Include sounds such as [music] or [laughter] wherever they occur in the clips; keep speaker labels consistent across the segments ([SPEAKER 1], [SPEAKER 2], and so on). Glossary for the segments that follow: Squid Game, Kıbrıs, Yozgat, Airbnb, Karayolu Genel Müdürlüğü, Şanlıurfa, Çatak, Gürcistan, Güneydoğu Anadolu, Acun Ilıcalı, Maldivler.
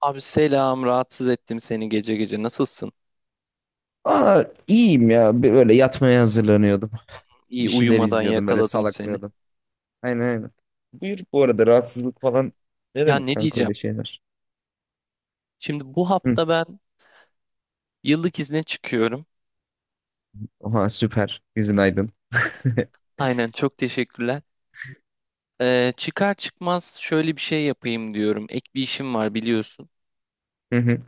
[SPEAKER 1] Abi selam, rahatsız ettim seni gece gece. Nasılsın?
[SPEAKER 2] Aa, iyiyim ya. Böyle yatmaya hazırlanıyordum.
[SPEAKER 1] İyi
[SPEAKER 2] Bir şeyler
[SPEAKER 1] uyumadan
[SPEAKER 2] izliyordum. Böyle
[SPEAKER 1] yakaladım seni.
[SPEAKER 2] salaklıyordum. Aynen aynen. Buyur bu arada rahatsızlık falan. Ne
[SPEAKER 1] Ya
[SPEAKER 2] demek
[SPEAKER 1] ne
[SPEAKER 2] kanka
[SPEAKER 1] diyeceğim?
[SPEAKER 2] öyle şeyler?
[SPEAKER 1] Şimdi bu
[SPEAKER 2] Hı.
[SPEAKER 1] hafta ben yıllık izne çıkıyorum.
[SPEAKER 2] Oha süper. Yüzün aydın. [laughs]
[SPEAKER 1] Aynen çok teşekkürler. Çıkar çıkmaz şöyle bir şey yapayım diyorum. Ek bir işim var biliyorsun.
[SPEAKER 2] Hı hı.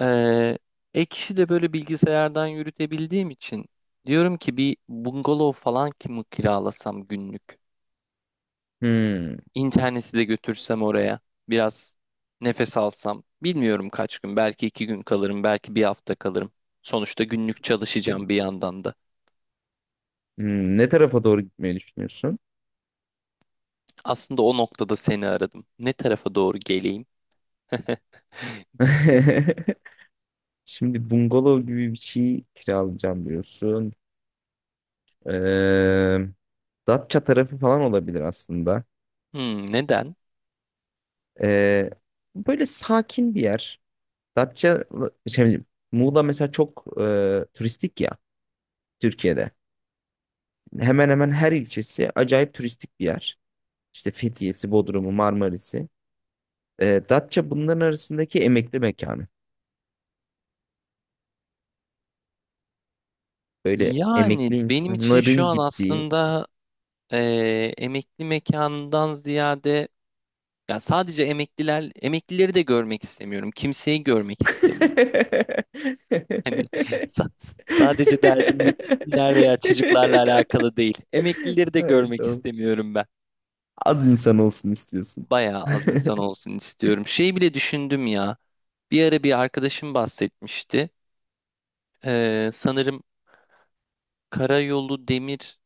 [SPEAKER 1] Ee, ek işi de böyle bilgisayardan yürütebildiğim için diyorum ki bir bungalov falan ki mi kiralasam günlük?
[SPEAKER 2] Hmm, iyi
[SPEAKER 1] İnterneti de götürsem oraya biraz nefes alsam. Bilmiyorum kaç gün belki 2 gün kalırım belki bir hafta kalırım. Sonuçta günlük
[SPEAKER 2] fikir.
[SPEAKER 1] çalışacağım bir yandan da.
[SPEAKER 2] Hmm, ne tarafa doğru gitmeyi düşünüyorsun?
[SPEAKER 1] Aslında o noktada seni aradım. Ne tarafa doğru geleyim? [laughs]
[SPEAKER 2] [laughs] Şimdi bungalov gibi bir şey kiralayacağım diyorsun. Ee, Datça tarafı falan olabilir aslında.
[SPEAKER 1] Hmm, neden?
[SPEAKER 2] Ee, Böyle sakin bir yer. Datça, şey, Muğla mesela çok turistik ya Türkiye'de. Hemen hemen her ilçesi acayip turistik bir yer. İşte Fethiye'si, Bodrum'u, Marmaris'i. E, Datça bunların arasındaki emekli mekanı. Böyle
[SPEAKER 1] Yani
[SPEAKER 2] emekli
[SPEAKER 1] benim için şu
[SPEAKER 2] insanların
[SPEAKER 1] an
[SPEAKER 2] gittiği.
[SPEAKER 1] aslında emekli mekanından ziyade ya sadece emekliler emeklileri de görmek istemiyorum. Kimseyi görmek istemiyorum. Hani sa- sadece derdim yetişkinler veya çocuklarla
[SPEAKER 2] [laughs]
[SPEAKER 1] alakalı değil. Emeklileri de
[SPEAKER 2] Hayır,
[SPEAKER 1] görmek
[SPEAKER 2] tamam.
[SPEAKER 1] istemiyorum ben.
[SPEAKER 2] Az insan olsun istiyorsun.
[SPEAKER 1] Bayağı az
[SPEAKER 2] [laughs]
[SPEAKER 1] insan olsun istiyorum. Şey bile düşündüm ya. Bir ara bir arkadaşım bahsetmişti. Sanırım karayolu demir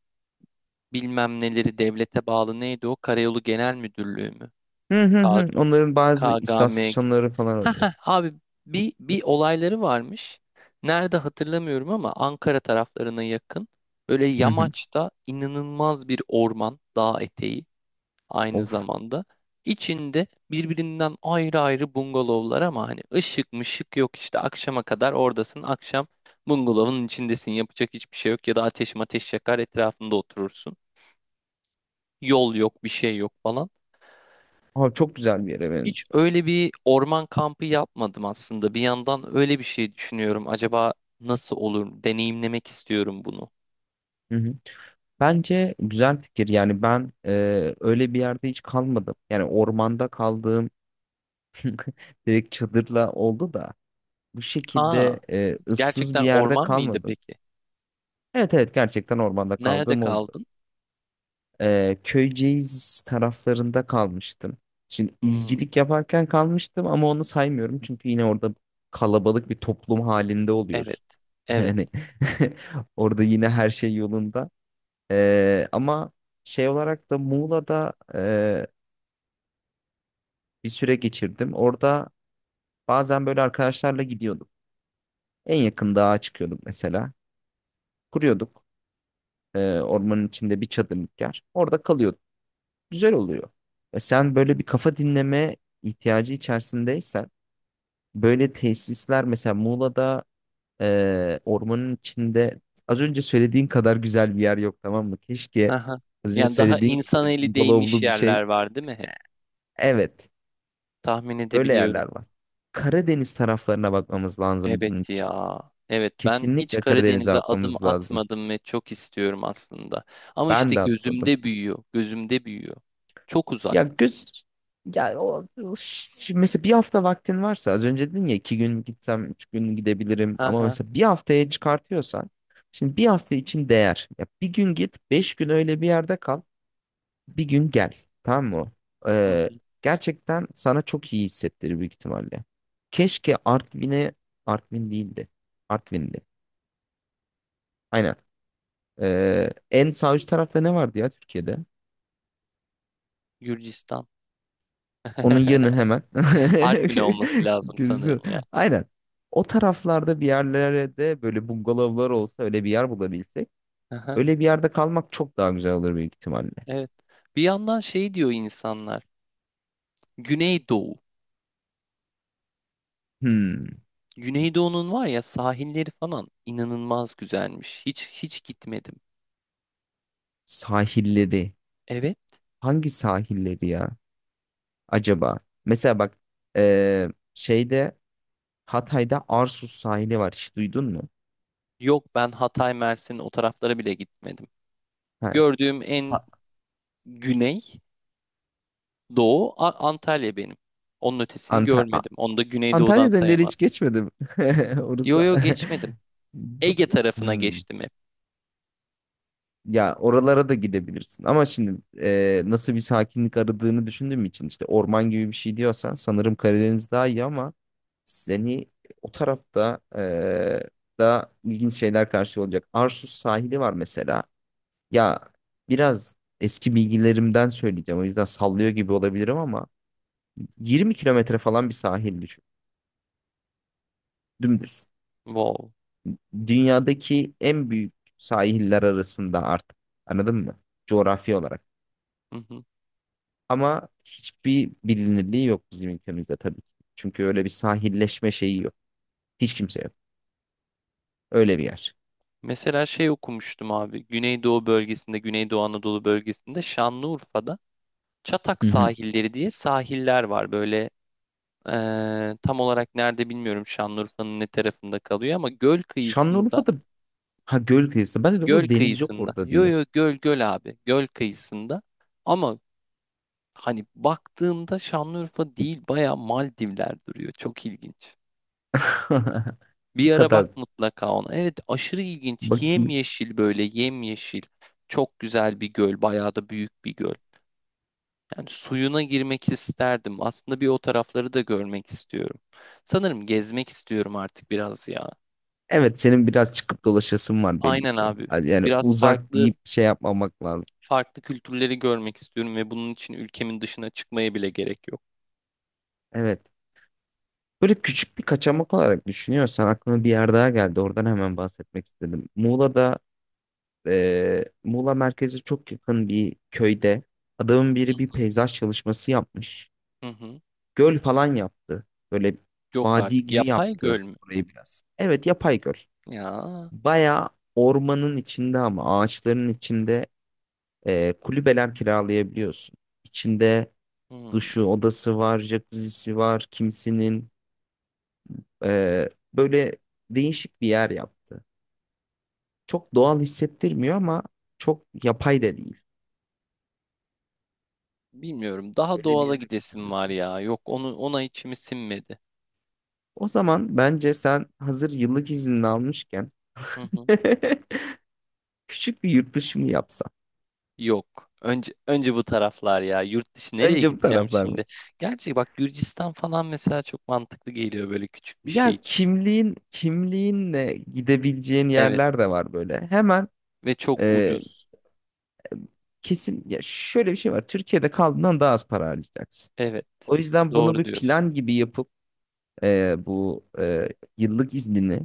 [SPEAKER 1] bilmem neleri devlete bağlı neydi o? Karayolu Genel Müdürlüğü mü?
[SPEAKER 2] Hı hı hı. Onların bazı
[SPEAKER 1] KGM gibi.
[SPEAKER 2] istasyonları falan
[SPEAKER 1] Ha
[SPEAKER 2] oluyor.
[SPEAKER 1] ha abi bir bir olayları varmış. Nerede hatırlamıyorum ama Ankara taraflarına yakın. Böyle
[SPEAKER 2] Hı hı.
[SPEAKER 1] yamaçta inanılmaz bir orman, dağ eteği aynı
[SPEAKER 2] Of.
[SPEAKER 1] zamanda. İçinde birbirinden ayrı ayrı bungalovlar ama hani ışık mışık yok işte akşama kadar oradasın. Akşam bungalovun içindesin yapacak hiçbir şey yok ya da ateş mateş yakar etrafında oturursun. Yol yok bir şey yok falan.
[SPEAKER 2] Abi çok güzel bir yere
[SPEAKER 1] Hiç
[SPEAKER 2] benziyor.
[SPEAKER 1] öyle bir orman kampı yapmadım aslında. Bir yandan öyle bir şey düşünüyorum. Acaba nasıl olur? Deneyimlemek istiyorum bunu.
[SPEAKER 2] Hı hı. Bence güzel fikir. Yani ben öyle bir yerde hiç kalmadım. Yani ormanda kaldığım direkt çadırla oldu da bu
[SPEAKER 1] Aa,
[SPEAKER 2] şekilde ıssız bir
[SPEAKER 1] gerçekten
[SPEAKER 2] yerde
[SPEAKER 1] orman mıydı
[SPEAKER 2] kalmadım.
[SPEAKER 1] peki?
[SPEAKER 2] Evet evet gerçekten ormanda
[SPEAKER 1] Nerede
[SPEAKER 2] kaldığım oldu.
[SPEAKER 1] kaldın?
[SPEAKER 2] Köyceğiz taraflarında kalmıştım. Şimdi
[SPEAKER 1] Hmm,
[SPEAKER 2] izcilik yaparken kalmıştım ama onu saymıyorum. Çünkü yine orada kalabalık bir toplum halinde
[SPEAKER 1] evet,
[SPEAKER 2] oluyorsun. [laughs]
[SPEAKER 1] evet.
[SPEAKER 2] Yani [laughs] orada yine her şey yolunda. Ama şey olarak da Muğla'da bir süre geçirdim. Orada bazen böyle arkadaşlarla gidiyorduk. En yakın dağa çıkıyorduk mesela. Kuruyorduk ormanın içinde bir çadırlık yer. Orada kalıyorduk. Güzel oluyor. E, sen böyle bir kafa dinleme ihtiyacı içerisindeysen böyle tesisler mesela Muğla'da ormanın içinde az önce söylediğin kadar güzel bir yer yok tamam mı? Keşke
[SPEAKER 1] Aha.
[SPEAKER 2] az önce
[SPEAKER 1] Yani daha
[SPEAKER 2] söylediğin gibi
[SPEAKER 1] insan
[SPEAKER 2] böyle
[SPEAKER 1] eli değmiş
[SPEAKER 2] bungalovlu bir şey.
[SPEAKER 1] yerler var, değil mi hep?
[SPEAKER 2] Evet.
[SPEAKER 1] Tahmin
[SPEAKER 2] Öyle
[SPEAKER 1] edebiliyorum.
[SPEAKER 2] yerler var. Karadeniz taraflarına bakmamız lazım bunun
[SPEAKER 1] Evet
[SPEAKER 2] için.
[SPEAKER 1] ya. Evet, ben hiç
[SPEAKER 2] Kesinlikle Karadeniz'e
[SPEAKER 1] Karadeniz'e adım
[SPEAKER 2] bakmamız lazım.
[SPEAKER 1] atmadım ve çok istiyorum aslında. Ama
[SPEAKER 2] Ben
[SPEAKER 1] işte
[SPEAKER 2] de atladım.
[SPEAKER 1] gözümde büyüyor, gözümde büyüyor. Çok uzak.
[SPEAKER 2] Ya göz ya o şimdi mesela bir hafta vaktin varsa az önce dedin ya iki gün gitsem üç gün gidebilirim ama
[SPEAKER 1] Aha.
[SPEAKER 2] mesela bir haftaya çıkartıyorsan şimdi bir hafta için değer. Ya bir gün git beş gün öyle bir yerde kal bir gün gel tamam mı?
[SPEAKER 1] Hı
[SPEAKER 2] Ee,
[SPEAKER 1] hı.
[SPEAKER 2] Gerçekten sana çok iyi hissettirir büyük ihtimalle. Keşke Artvin'e Artvin değildi. Artvin'di. Aynen. En sağ üst tarafta ne vardı ya Türkiye'de?
[SPEAKER 1] Gürcistan.
[SPEAKER 2] Onun yanı hemen.
[SPEAKER 1] [laughs] Artvin'e olması
[SPEAKER 2] [laughs]
[SPEAKER 1] lazım
[SPEAKER 2] Gözüküyor.
[SPEAKER 1] sanırım ya.
[SPEAKER 2] Aynen. O taraflarda bir yerlerde böyle bungalovlar olsa öyle bir yer bulabilsek.
[SPEAKER 1] Aha,
[SPEAKER 2] Öyle bir yerde kalmak çok daha güzel olur büyük ihtimalle.
[SPEAKER 1] evet. Bir yandan şey diyor insanlar. Güneydoğu.
[SPEAKER 2] Hmm.
[SPEAKER 1] Güneydoğu'nun var ya sahilleri falan inanılmaz güzelmiş. Hiç hiç gitmedim.
[SPEAKER 2] Sahilleri.
[SPEAKER 1] Evet.
[SPEAKER 2] Hangi sahilleri ya? Acaba? Mesela bak ee, şeyde Hatay'da Arsuz sahili var. Hiç duydun mu?
[SPEAKER 1] Yok ben Hatay, Mersin o taraflara bile gitmedim.
[SPEAKER 2] Ha,
[SPEAKER 1] Gördüğüm en
[SPEAKER 2] Ha-
[SPEAKER 1] güney doğu Antalya benim. Onun ötesini
[SPEAKER 2] Anta-
[SPEAKER 1] görmedim. Onu da Güneydoğu'dan
[SPEAKER 2] Antalya Döneri hiç
[SPEAKER 1] sayamaz.
[SPEAKER 2] geçmedim. [laughs]
[SPEAKER 1] Yo
[SPEAKER 2] Orası
[SPEAKER 1] yo geçmedim.
[SPEAKER 2] [laughs]
[SPEAKER 1] Ege
[SPEAKER 2] Batı.
[SPEAKER 1] tarafına
[SPEAKER 2] Hmm.
[SPEAKER 1] geçtim hep.
[SPEAKER 2] Ya oralara da gidebilirsin. Ama şimdi nasıl bir sakinlik aradığını düşündüğüm için işte orman gibi bir şey diyorsan sanırım Karadeniz daha iyi ama seni o tarafta da ilginç şeyler karşılıyor olacak. Arsuz sahili var mesela. Ya biraz eski bilgilerimden söyleyeceğim. O yüzden sallıyor gibi olabilirim ama 20 kilometre falan bir sahil düşün. Dümdüz.
[SPEAKER 1] Wow.
[SPEAKER 2] Dünyadaki en büyük sahiller arasında artık. Anladın mı? Coğrafi olarak. Ama hiçbir bilinirliği yok bizim ülkemizde tabii ki. Çünkü öyle bir sahilleşme şeyi yok. Hiç kimse yok. Öyle bir yer.
[SPEAKER 1] Mesela şey okumuştum abi. Güneydoğu bölgesinde, Güneydoğu Anadolu bölgesinde Şanlıurfa'da Çatak
[SPEAKER 2] Hı hı.
[SPEAKER 1] sahilleri diye sahiller var. Böyle tam olarak nerede bilmiyorum Şanlıurfa'nın ne tarafında kalıyor ama göl kıyısında,
[SPEAKER 2] Şanlıurfa'da ha göl kıyısı. Ben de
[SPEAKER 1] göl
[SPEAKER 2] bu deniz yok
[SPEAKER 1] kıyısında.
[SPEAKER 2] orada
[SPEAKER 1] Yo
[SPEAKER 2] diye.
[SPEAKER 1] yo göl göl abi. Göl kıyısında. Ama hani baktığında Şanlıurfa değil baya Maldivler duruyor. Çok ilginç.
[SPEAKER 2] [laughs]
[SPEAKER 1] Bir
[SPEAKER 2] Bu
[SPEAKER 1] ara
[SPEAKER 2] kadar
[SPEAKER 1] bak mutlaka ona. Evet aşırı ilginç.
[SPEAKER 2] bakayım.
[SPEAKER 1] Yemyeşil böyle yemyeşil. Çok güzel bir göl. Bayağı da büyük bir göl. Yani suyuna girmek isterdim. Aslında bir o tarafları da görmek istiyorum. Sanırım gezmek istiyorum artık biraz ya.
[SPEAKER 2] Evet senin biraz çıkıp dolaşasın var belli
[SPEAKER 1] Aynen
[SPEAKER 2] ki.
[SPEAKER 1] abi.
[SPEAKER 2] Yani
[SPEAKER 1] Biraz
[SPEAKER 2] uzak
[SPEAKER 1] farklı
[SPEAKER 2] deyip şey yapmamak lazım.
[SPEAKER 1] farklı kültürleri görmek istiyorum ve bunun için ülkemin dışına çıkmaya bile gerek yok.
[SPEAKER 2] Evet. Böyle küçük bir kaçamak olarak düşünüyorsan aklıma bir yer daha geldi. Oradan hemen bahsetmek istedim. Muğla'da Muğla merkeze çok yakın bir köyde adamın biri bir peyzaj çalışması yapmış.
[SPEAKER 1] Hı hı.
[SPEAKER 2] Göl falan yaptı. Böyle
[SPEAKER 1] Yok
[SPEAKER 2] vadi
[SPEAKER 1] artık.
[SPEAKER 2] gibi
[SPEAKER 1] Yapay
[SPEAKER 2] yaptı
[SPEAKER 1] göl mü?
[SPEAKER 2] orayı biraz. Evet yapay göl.
[SPEAKER 1] Ya.
[SPEAKER 2] Baya ormanın içinde ama ağaçların içinde kulübeler kiralayabiliyorsun. İçinde
[SPEAKER 1] hmm,
[SPEAKER 2] duşu, odası var, jacuzzi'si var, kimisinin böyle değişik bir yer yaptı. Çok doğal hissettirmiyor ama çok yapay da değil.
[SPEAKER 1] Bilmiyorum. Daha
[SPEAKER 2] Öyle bir
[SPEAKER 1] doğala
[SPEAKER 2] yere de
[SPEAKER 1] gidesim var
[SPEAKER 2] kaçabilirsin.
[SPEAKER 1] ya. Yok onu ona içimi sinmedi.
[SPEAKER 2] O zaman bence sen hazır yıllık iznini almışken
[SPEAKER 1] Hı hı.
[SPEAKER 2] [laughs] küçük bir yurt dışı mı yapsan?
[SPEAKER 1] Yok. Önce bu taraflar ya. Yurt dışı nereye
[SPEAKER 2] Önce bu
[SPEAKER 1] gideceğim
[SPEAKER 2] taraflar mı?
[SPEAKER 1] şimdi? Gerçi bak Gürcistan falan mesela çok mantıklı geliyor böyle küçük bir şey
[SPEAKER 2] Ya
[SPEAKER 1] için.
[SPEAKER 2] kimliğinle gidebileceğin
[SPEAKER 1] Evet
[SPEAKER 2] yerler de var böyle. Hemen
[SPEAKER 1] ve çok
[SPEAKER 2] e,
[SPEAKER 1] ucuz.
[SPEAKER 2] kesin ya şöyle bir şey var. Türkiye'de kaldığından daha az para harcayacaksın.
[SPEAKER 1] Evet.
[SPEAKER 2] O yüzden bunu
[SPEAKER 1] Doğru
[SPEAKER 2] bir plan
[SPEAKER 1] diyorsun.
[SPEAKER 2] gibi yapıp e, bu e, yıllık iznini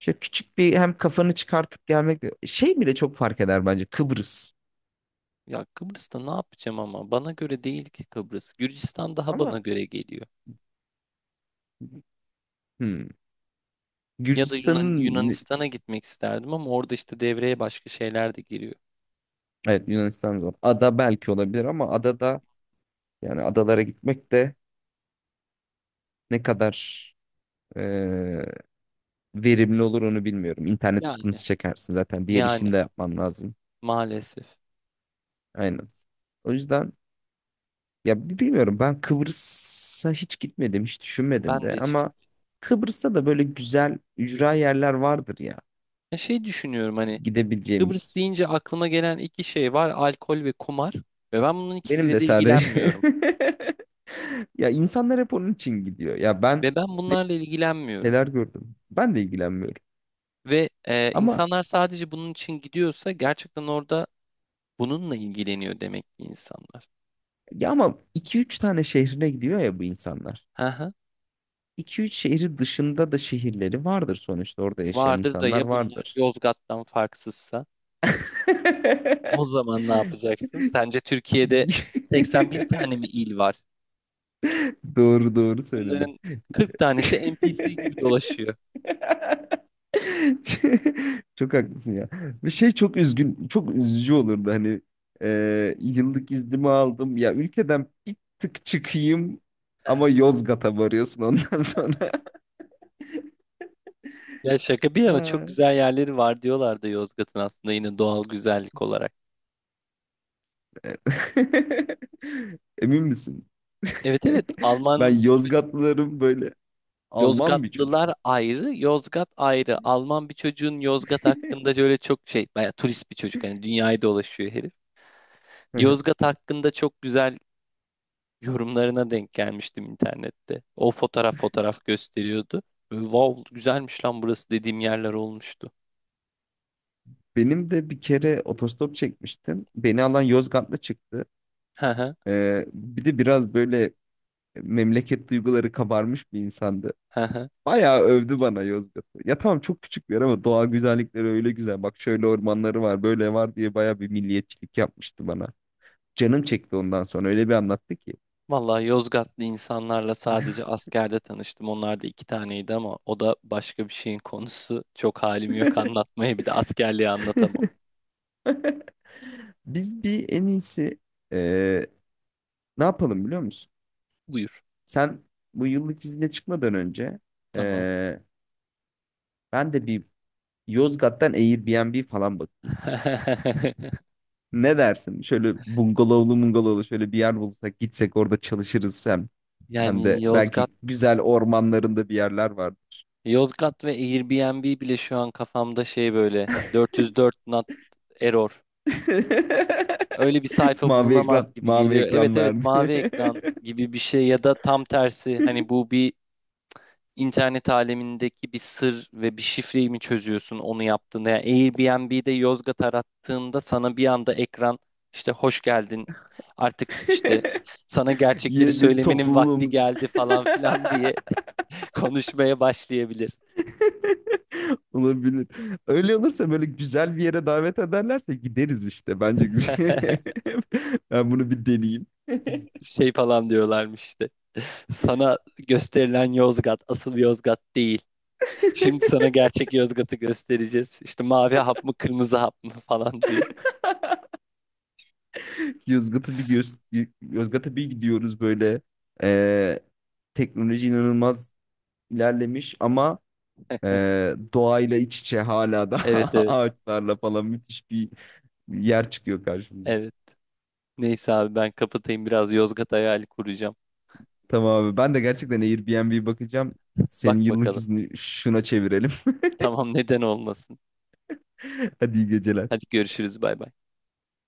[SPEAKER 2] İşte küçük bir hem kafanı çıkartıp gelmek şey bile çok fark eder bence Kıbrıs.
[SPEAKER 1] Ya Kıbrıs'ta ne yapacağım ama bana göre değil ki Kıbrıs. Gürcistan daha
[SPEAKER 2] Ama
[SPEAKER 1] bana göre geliyor.
[SPEAKER 2] hmm,
[SPEAKER 1] Ya da
[SPEAKER 2] Gürcistan'ın
[SPEAKER 1] Yunanistan'a gitmek isterdim ama orada işte devreye başka şeyler de giriyor.
[SPEAKER 2] evet Yunanistan zor. Ada belki olabilir ama adada yani adalara gitmek de ne kadar e, verimli olur onu bilmiyorum. İnternet
[SPEAKER 1] Yani
[SPEAKER 2] sıkıntısı çekersin zaten. Diğer
[SPEAKER 1] yani
[SPEAKER 2] işini de yapman lazım.
[SPEAKER 1] maalesef.
[SPEAKER 2] Aynen. O yüzden ya bilmiyorum ben Kıbrıs'a hiç gitmedim, hiç
[SPEAKER 1] Ben
[SPEAKER 2] düşünmedim
[SPEAKER 1] de
[SPEAKER 2] de
[SPEAKER 1] hiç
[SPEAKER 2] ama
[SPEAKER 1] gitmedim.
[SPEAKER 2] Kıbrıs'ta da böyle güzel ücra yerler vardır ya
[SPEAKER 1] Şey düşünüyorum hani Kıbrıs
[SPEAKER 2] gidebileceğimiz.
[SPEAKER 1] deyince aklıma gelen iki şey var. Alkol ve kumar. Ve ben bunun
[SPEAKER 2] Benim
[SPEAKER 1] ikisiyle
[SPEAKER 2] de
[SPEAKER 1] de
[SPEAKER 2] sadece.
[SPEAKER 1] ilgilenmiyorum.
[SPEAKER 2] [laughs] Ya insanlar hep onun için gidiyor. Ya ben
[SPEAKER 1] Ve ben bunlarla ilgilenmiyorum.
[SPEAKER 2] neler gördüm. Ben de ilgilenmiyorum.
[SPEAKER 1] Ve
[SPEAKER 2] Ama
[SPEAKER 1] insanlar sadece bunun için gidiyorsa gerçekten orada bununla ilgileniyor demek ki insanlar.
[SPEAKER 2] ama 2-3 tane şehrine gidiyor ya bu insanlar.
[SPEAKER 1] Hı hı.
[SPEAKER 2] 2 üç şehri dışında da şehirleri vardır sonuçta. Orada yaşayan
[SPEAKER 1] Vardır da
[SPEAKER 2] insanlar
[SPEAKER 1] ya bunlar
[SPEAKER 2] vardır.
[SPEAKER 1] Yozgat'tan farksızsa o zaman ne yapacaksın? Sence Türkiye'de 81 tane mi
[SPEAKER 2] [laughs]
[SPEAKER 1] il var?
[SPEAKER 2] Doğru doğru söyledin.
[SPEAKER 1] Bunların 40 tanesi NPC gibi dolaşıyor.
[SPEAKER 2] [laughs] [laughs] Çok haklısın ya. Ve şey çok üzgün, çok üzücü olurdu hani yıllık iznimi aldım ya ülkeden bir tık çıkayım ama
[SPEAKER 1] [laughs]
[SPEAKER 2] Yozgat'a varıyorsun ondan [laughs] sonra.
[SPEAKER 1] Ya şaka bir yana çok
[SPEAKER 2] Ha.
[SPEAKER 1] güzel yerleri var diyorlardı Yozgat'ın aslında yine doğal güzellik olarak.
[SPEAKER 2] [laughs] Emin misin?
[SPEAKER 1] Evet evet
[SPEAKER 2] [laughs] Ben
[SPEAKER 1] Alman bir çocuk.
[SPEAKER 2] Yozgatlılarım böyle Alman bir çocuk.
[SPEAKER 1] Yozgatlılar ayrı, Yozgat ayrı. Alman bir çocuğun Yozgat hakkında şöyle çok şey, bayağı turist bir çocuk hani dünyayı dolaşıyor herif. Yozgat
[SPEAKER 2] [laughs]
[SPEAKER 1] hakkında çok güzel yorumlarına denk gelmiştim internette. O fotoğraf fotoğraf gösteriyordu. Böyle, wow güzelmiş lan burası dediğim yerler olmuştu.
[SPEAKER 2] Benim de bir kere otostop çekmiştim. Beni alan Yozgatlı çıktı.
[SPEAKER 1] Hı hı,
[SPEAKER 2] E, bir de biraz böyle memleket duyguları kabarmış bir insandı.
[SPEAKER 1] hı hı.
[SPEAKER 2] Bayağı övdü bana Yozgat'ı. Ya tamam çok küçük bir yer ama doğa güzellikleri öyle güzel. Bak şöyle ormanları var, böyle var diye bayağı bir milliyetçilik yapmıştı bana. Canım çekti ondan sonra öyle bir anlattı ki.
[SPEAKER 1] Vallahi Yozgatlı insanlarla sadece askerde tanıştım. Onlar da iki taneydi ama o da başka bir şeyin konusu. Çok halim yok anlatmaya. Bir de askerliği anlatamam.
[SPEAKER 2] Biz bir en iyisi eee, ne yapalım biliyor musun?
[SPEAKER 1] Buyur.
[SPEAKER 2] Sen bu yıllık izne çıkmadan önce
[SPEAKER 1] Tamam.
[SPEAKER 2] eee, ben de bir Yozgat'tan Airbnb falan bakayım.
[SPEAKER 1] [laughs]
[SPEAKER 2] Ne dersin? Şöyle bungalovlu şöyle bir yer bulsak gitsek orada çalışırız hem. Hem
[SPEAKER 1] Yani
[SPEAKER 2] de
[SPEAKER 1] Yozgat,
[SPEAKER 2] belki güzel ormanlarında bir yerler var.
[SPEAKER 1] Yozgat ve Airbnb bile şu an kafamda şey böyle 404 not error. Öyle bir
[SPEAKER 2] [laughs]
[SPEAKER 1] sayfa
[SPEAKER 2] Mavi
[SPEAKER 1] bulunamaz
[SPEAKER 2] ekran,
[SPEAKER 1] gibi
[SPEAKER 2] mavi
[SPEAKER 1] geliyor. Evet
[SPEAKER 2] ekran
[SPEAKER 1] evet
[SPEAKER 2] verdi.
[SPEAKER 1] mavi ekran gibi bir şey ya da tam tersi. Hani bu
[SPEAKER 2] [laughs]
[SPEAKER 1] bir internet alemindeki bir sır ve bir şifreyi mi çözüyorsun onu yaptığında? Yani Airbnb'de Yozgat arattığında sana bir anda ekran işte hoş geldin artık işte sana gerçekleri
[SPEAKER 2] Yeni
[SPEAKER 1] söylemenin vakti
[SPEAKER 2] topluluğumuzun.
[SPEAKER 1] geldi
[SPEAKER 2] [laughs]
[SPEAKER 1] falan filan diye [laughs] konuşmaya başlayabilir.
[SPEAKER 2] Olabilir. Öyle olursa böyle güzel bir yere davet ederlerse gideriz işte. Bence güzel.
[SPEAKER 1] [laughs]
[SPEAKER 2] [laughs] Ben bunu bir deneyeyim.
[SPEAKER 1] Şey falan diyorlarmış işte. Sana gösterilen Yozgat asıl Yozgat değil. Şimdi
[SPEAKER 2] [laughs]
[SPEAKER 1] sana gerçek Yozgat'ı göstereceğiz. İşte mavi hap mı kırmızı hap mı falan diye.
[SPEAKER 2] Yozgat'a bir göz, Yozgat'a bir gidiyoruz böyle. Ee, Teknoloji inanılmaz ilerlemiş ama e, doğayla iç içe hala da [laughs]
[SPEAKER 1] Evet evet
[SPEAKER 2] ağaçlarla falan müthiş bir yer çıkıyor karşımıza.
[SPEAKER 1] evet. Neyse abi ben kapatayım biraz Yozgat hayali kuracağım.
[SPEAKER 2] Tamam abi ben de gerçekten Airbnb bakacağım. Senin
[SPEAKER 1] Bak
[SPEAKER 2] yıllık
[SPEAKER 1] bakalım.
[SPEAKER 2] izni şuna çevirelim.
[SPEAKER 1] Tamam neden olmasın.
[SPEAKER 2] [laughs] Hadi iyi
[SPEAKER 1] Hadi
[SPEAKER 2] geceler.
[SPEAKER 1] görüşürüz bay bay.